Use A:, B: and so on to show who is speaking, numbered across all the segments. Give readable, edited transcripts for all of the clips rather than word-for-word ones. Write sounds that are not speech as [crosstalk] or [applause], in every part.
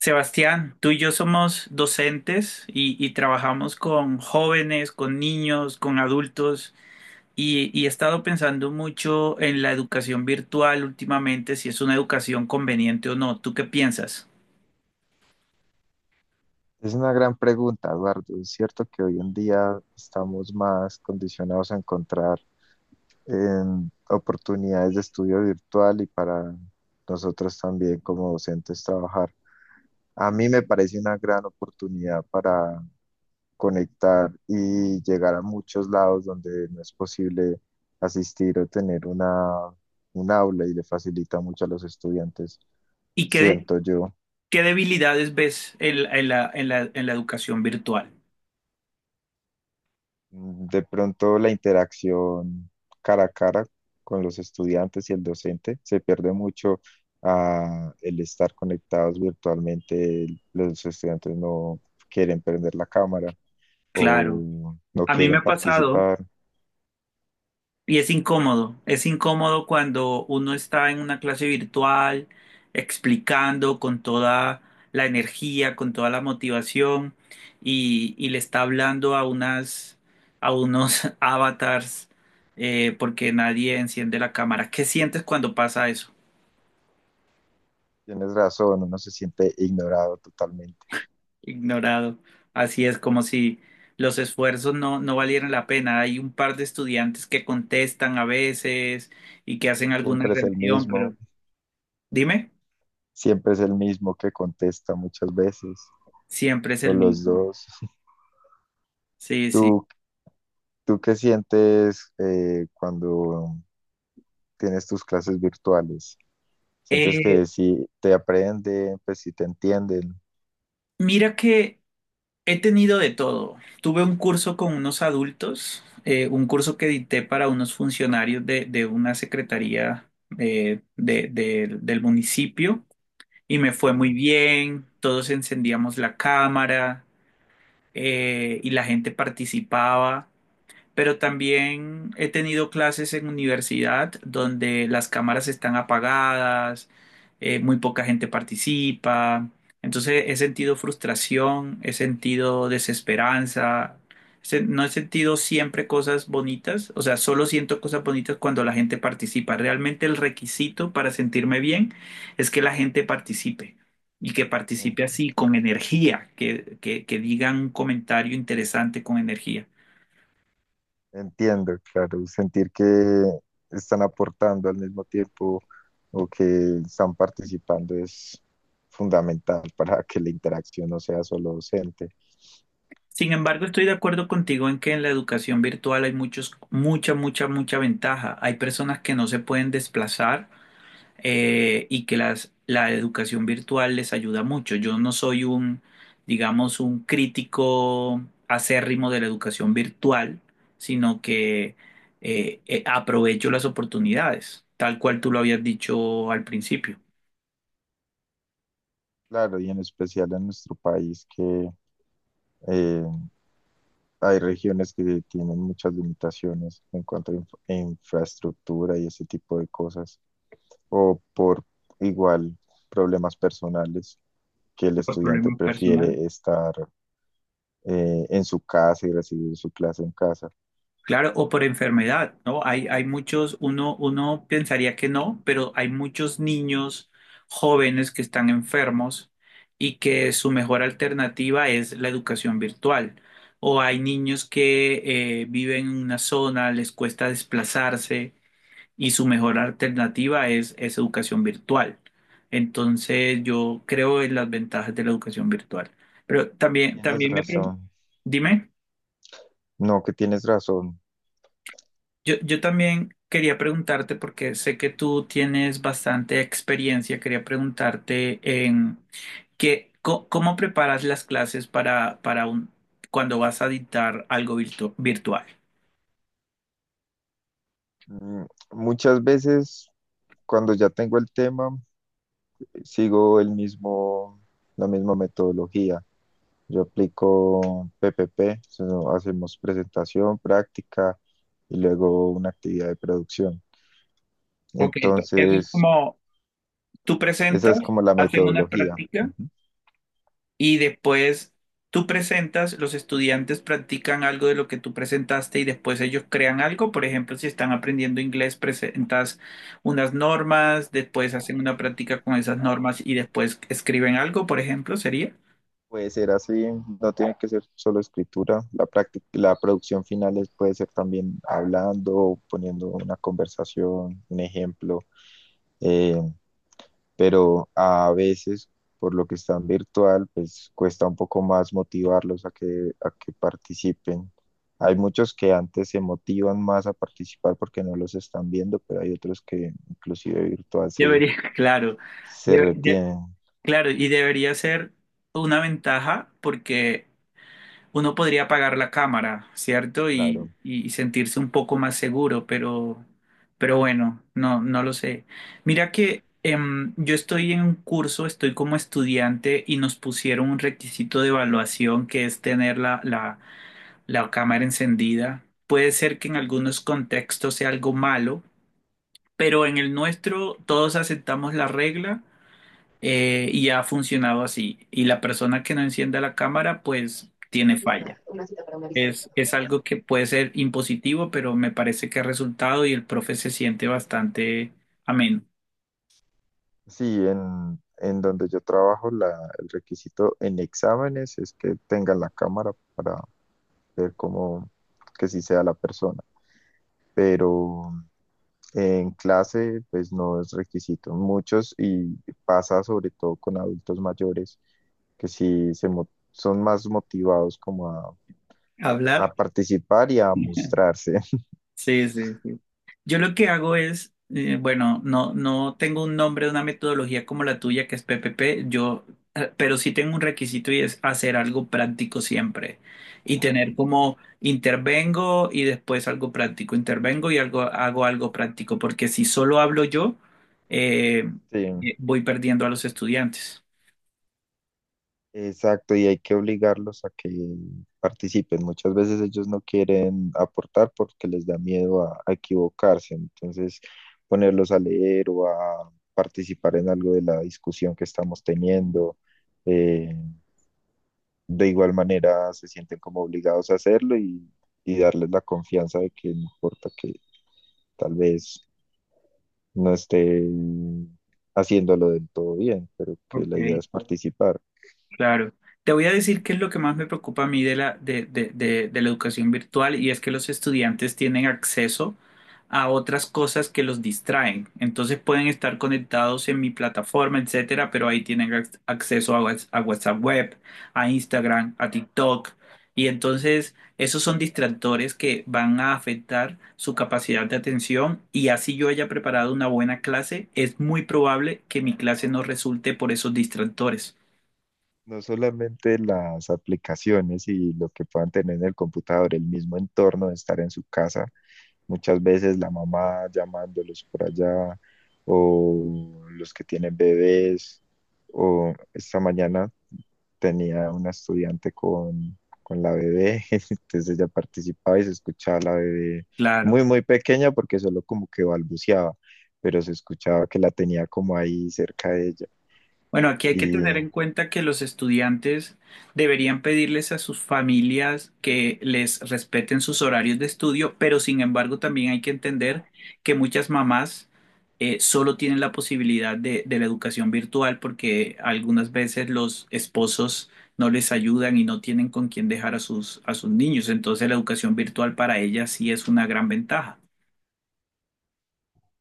A: Sebastián, tú y yo somos docentes y trabajamos con jóvenes, con niños, con adultos y he estado pensando mucho en la educación virtual últimamente, si es una educación conveniente o no. ¿Tú qué piensas?
B: Es una gran pregunta, Eduardo. Es cierto que hoy en día estamos más condicionados a encontrar oportunidades de estudio virtual y para nosotros también como docentes trabajar. A mí me parece una gran oportunidad para conectar y llegar a muchos lados donde no es posible asistir o tener una, un aula y le facilita mucho a los estudiantes,
A: ¿Y
B: siento yo.
A: qué debilidades ves en la educación virtual?
B: De pronto la interacción cara a cara con los estudiantes y el docente se pierde mucho el estar conectados virtualmente. Los estudiantes no quieren prender la cámara
A: Claro,
B: o no
A: a mí me
B: quieren
A: ha pasado.
B: participar.
A: Y es incómodo cuando uno está en una clase virtual explicando con toda la energía, con toda la motivación y le está hablando a a unos [laughs] avatars porque nadie enciende la cámara. ¿Qué sientes cuando pasa eso?
B: Tienes razón, uno se siente ignorado totalmente.
A: Ignorado. Así es como si los esfuerzos no valieran la pena. Hay un par de estudiantes que contestan a veces y que hacen alguna
B: Siempre es el
A: reacción,
B: mismo,
A: pero dime.
B: siempre es el mismo que contesta muchas veces,
A: Siempre es
B: o
A: el
B: los
A: mismo.
B: dos. [laughs]
A: Sí, sí.
B: ¿Tú, tú qué sientes cuando tienes tus clases virtuales? ¿Sientes que
A: Eh,
B: sí te aprenden, pues sí te entienden?
A: mira que he tenido de todo. Tuve un curso con unos adultos, un curso que dicté para unos funcionarios de una secretaría del municipio y me fue muy
B: Y
A: bien. Todos encendíamos la cámara, y la gente participaba. Pero también he tenido clases en universidad donde las cámaras están apagadas, muy poca gente participa. Entonces he sentido frustración, he sentido desesperanza, no he sentido siempre cosas bonitas, o sea, solo siento cosas bonitas cuando la gente participa. Realmente el requisito para sentirme bien es que la gente participe. Y que
B: en-
A: participe así, con energía, que digan un comentario interesante con energía.
B: entiendo, claro, sentir que están aportando al mismo tiempo o que están participando es fundamental [laughs] para que la interacción no sea solo docente.
A: Sin embargo, estoy de acuerdo contigo en que en la educación virtual hay mucha ventaja. Hay personas que no se pueden desplazar y que la educación virtual les ayuda mucho. Yo no soy digamos, un crítico acérrimo de la educación virtual, sino que aprovecho las oportunidades, tal cual tú lo habías dicho al principio,
B: Claro, y en especial en nuestro país que eh, hay regiones que tienen muchas limitaciones en cuanto a infraestructura y ese tipo de cosas, o por igual problemas personales que el
A: por
B: estudiante
A: problemas personales.
B: prefiere estar en su casa y recibir su clase en casa.
A: Claro, o por enfermedad, ¿no? Hay muchos, uno pensaría que no, pero hay muchos niños jóvenes que están enfermos y que su mejor alternativa es la educación virtual. O hay niños que viven en una zona, les cuesta desplazarse y su mejor alternativa es educación virtual. Entonces, yo creo en las ventajas de la educación virtual. Pero también,
B: Tienes
A: también
B: razón.
A: dime.
B: No, que tienes razón.
A: Yo también quería preguntarte, porque sé que tú tienes bastante experiencia, quería preguntarte en que, cómo preparas las clases para un, cuando vas a dictar algo virtual.
B: Mm, Muchas veces cuando ya tengo el tema, sigo el mismo, la misma metodología. Yo aplico PPP, so, hacemos presentación, práctica y luego una actividad de producción.
A: Ok, eso es
B: Entonces,
A: como tú
B: esa
A: presentas,
B: es como la
A: hacen una
B: metodología.
A: práctica.
B: Ujú.
A: Y después tú presentas, los estudiantes practican algo de lo que tú presentaste y después ellos crean algo. Por ejemplo, si están aprendiendo inglés, presentas unas normas, después hacen una práctica con esas normas y después escriben algo, por ejemplo, sería.
B: Puede ser así, no tiene que ser solo escritura. La práctica, la producción final puede ser también hablando, poniendo una conversación, un ejemplo. eh, pero a veces, por lo que están virtual, pues cuesta un poco más motivarlos a que participen. Hay muchos que antes se motivan más a participar porque no los están viendo, pero hay otros que inclusive virtual se,
A: Debería, [laughs] claro,
B: se
A: debe- de-
B: retienen.
A: claro, y debería ser una ventaja porque uno podría apagar la cámara, ¿cierto? Y,
B: Claro.
A: y sentirse un poco más seguro, pero bueno, no lo sé. Mira que yo estoy en un curso, estoy como estudiante y nos pusieron un requisito de evaluación que es tener la cámara encendida. Puede ser que en algunos contextos sea algo malo, pero en el nuestro todos aceptamos la regla, y ha funcionado así. Y la persona que no encienda la cámara, pues tiene falla. Es algo que puede ser impositivo, pero me parece que ha resultado y el profe se siente bastante ameno.
B: Sí, en donde yo trabajo, la, el requisito en exámenes es que tengan la cámara para ver cómo, que sí sea la persona. Pero en clase, pues no es requisito. Muchos, y pasa sobre todo con adultos mayores, que sí se son más motivados como
A: Hablar.
B: a participar y a mostrarse. [laughs]
A: Sí, sí, sí. Yo lo que hago es, bueno, no tengo un nombre, una metodología como la tuya, que es PPP, yo, pero sí tengo un requisito y es hacer algo práctico siempre y tener como intervengo y después algo práctico, intervengo y algo, hago algo práctico, porque si solo hablo yo, eh,
B: Sí,
A: voy perdiendo a los estudiantes.
B: exacto, y hay que obligarlos a que participen. Muchas veces ellos no quieren aportar porque les da miedo a equivocarse. Entonces, ponerlos a leer o a participar en algo de la discusión que estamos teniendo. eh, de igual manera se sienten como obligados a hacerlo y darles la confianza de que no importa que tal vez no esté haciéndolo del todo bien, pero que la idea
A: Ok,
B: es participar.
A: claro. Te voy a decir qué es lo que más me preocupa a mí de de la educación virtual y es que los estudiantes tienen acceso a otras cosas que los distraen. Entonces pueden estar conectados en mi plataforma, etcétera, pero ahí tienen acceso a, a WhatsApp Web, a Instagram, a TikTok. Y entonces esos son distractores que van a afectar su capacidad de atención y así yo haya preparado una buena clase, es muy probable que mi clase no resulte por esos distractores.
B: No solamente las aplicaciones y lo que puedan tener en el computador, el mismo entorno de estar en su casa, muchas veces la mamá llamándolos por allá o los que tienen bebés o esta mañana tenía una estudiante con la bebé, [laughs] entonces ella participaba y se escuchaba la bebé
A: Claro.
B: muy, muy pequeña porque solo como que balbuceaba, pero se escuchaba que la tenía como ahí cerca de ella.
A: Bueno, aquí hay que
B: Y
A: tener en cuenta que los estudiantes deberían pedirles a sus familias que les respeten sus horarios de estudio, pero sin embargo también hay que entender que muchas mamás solo tienen la posibilidad de la educación virtual porque algunas veces los esposos no les ayudan y no tienen con quién dejar a a sus niños. Entonces la educación virtual para ellas sí es una gran ventaja.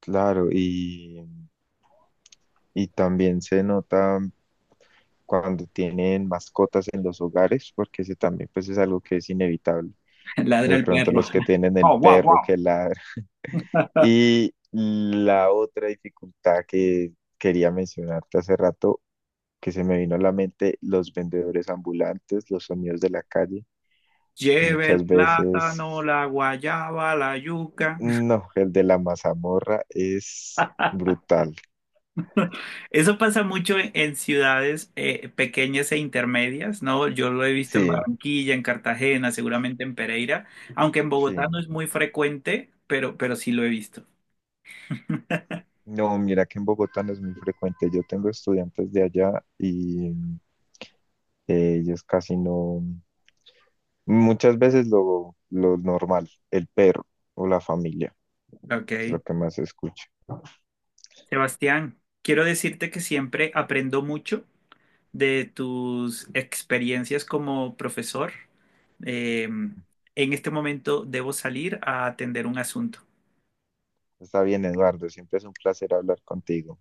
B: claro, y también se nota cuando tienen mascotas en los hogares, porque ese también pues es algo que es inevitable.
A: [laughs] Ladra
B: De
A: el
B: pronto
A: perro.
B: los que
A: [laughs]
B: tienen el
A: Oh, wow,
B: perro
A: wow.
B: que ladra. [laughs] Y la otra dificultad que quería mencionarte hace rato, que se me vino a la mente, los vendedores ambulantes, los sonidos de la calle.
A: Lleve el
B: Muchas
A: plátano,
B: veces,
A: la guayaba, la yuca.
B: no, el de la mazamorra es brutal.
A: [laughs] Eso pasa mucho en ciudades pequeñas e intermedias, ¿no? Yo lo he visto en
B: Sí,
A: Barranquilla, en Cartagena, seguramente en Pereira, aunque en Bogotá
B: sí.
A: no es muy frecuente, pero sí lo he visto.
B: No, mira que en Bogotá no es muy frecuente. Yo tengo estudiantes de allá y ellos casi no. Muchas veces lo normal, el perro o la familia, es lo
A: Ok.
B: que más se escucha.
A: Sebastián, quiero decirte que siempre aprendo mucho de tus experiencias como profesor. Eh, en este momento debo salir a atender un asunto.
B: Está bien, Eduardo, siempre es un placer hablar contigo.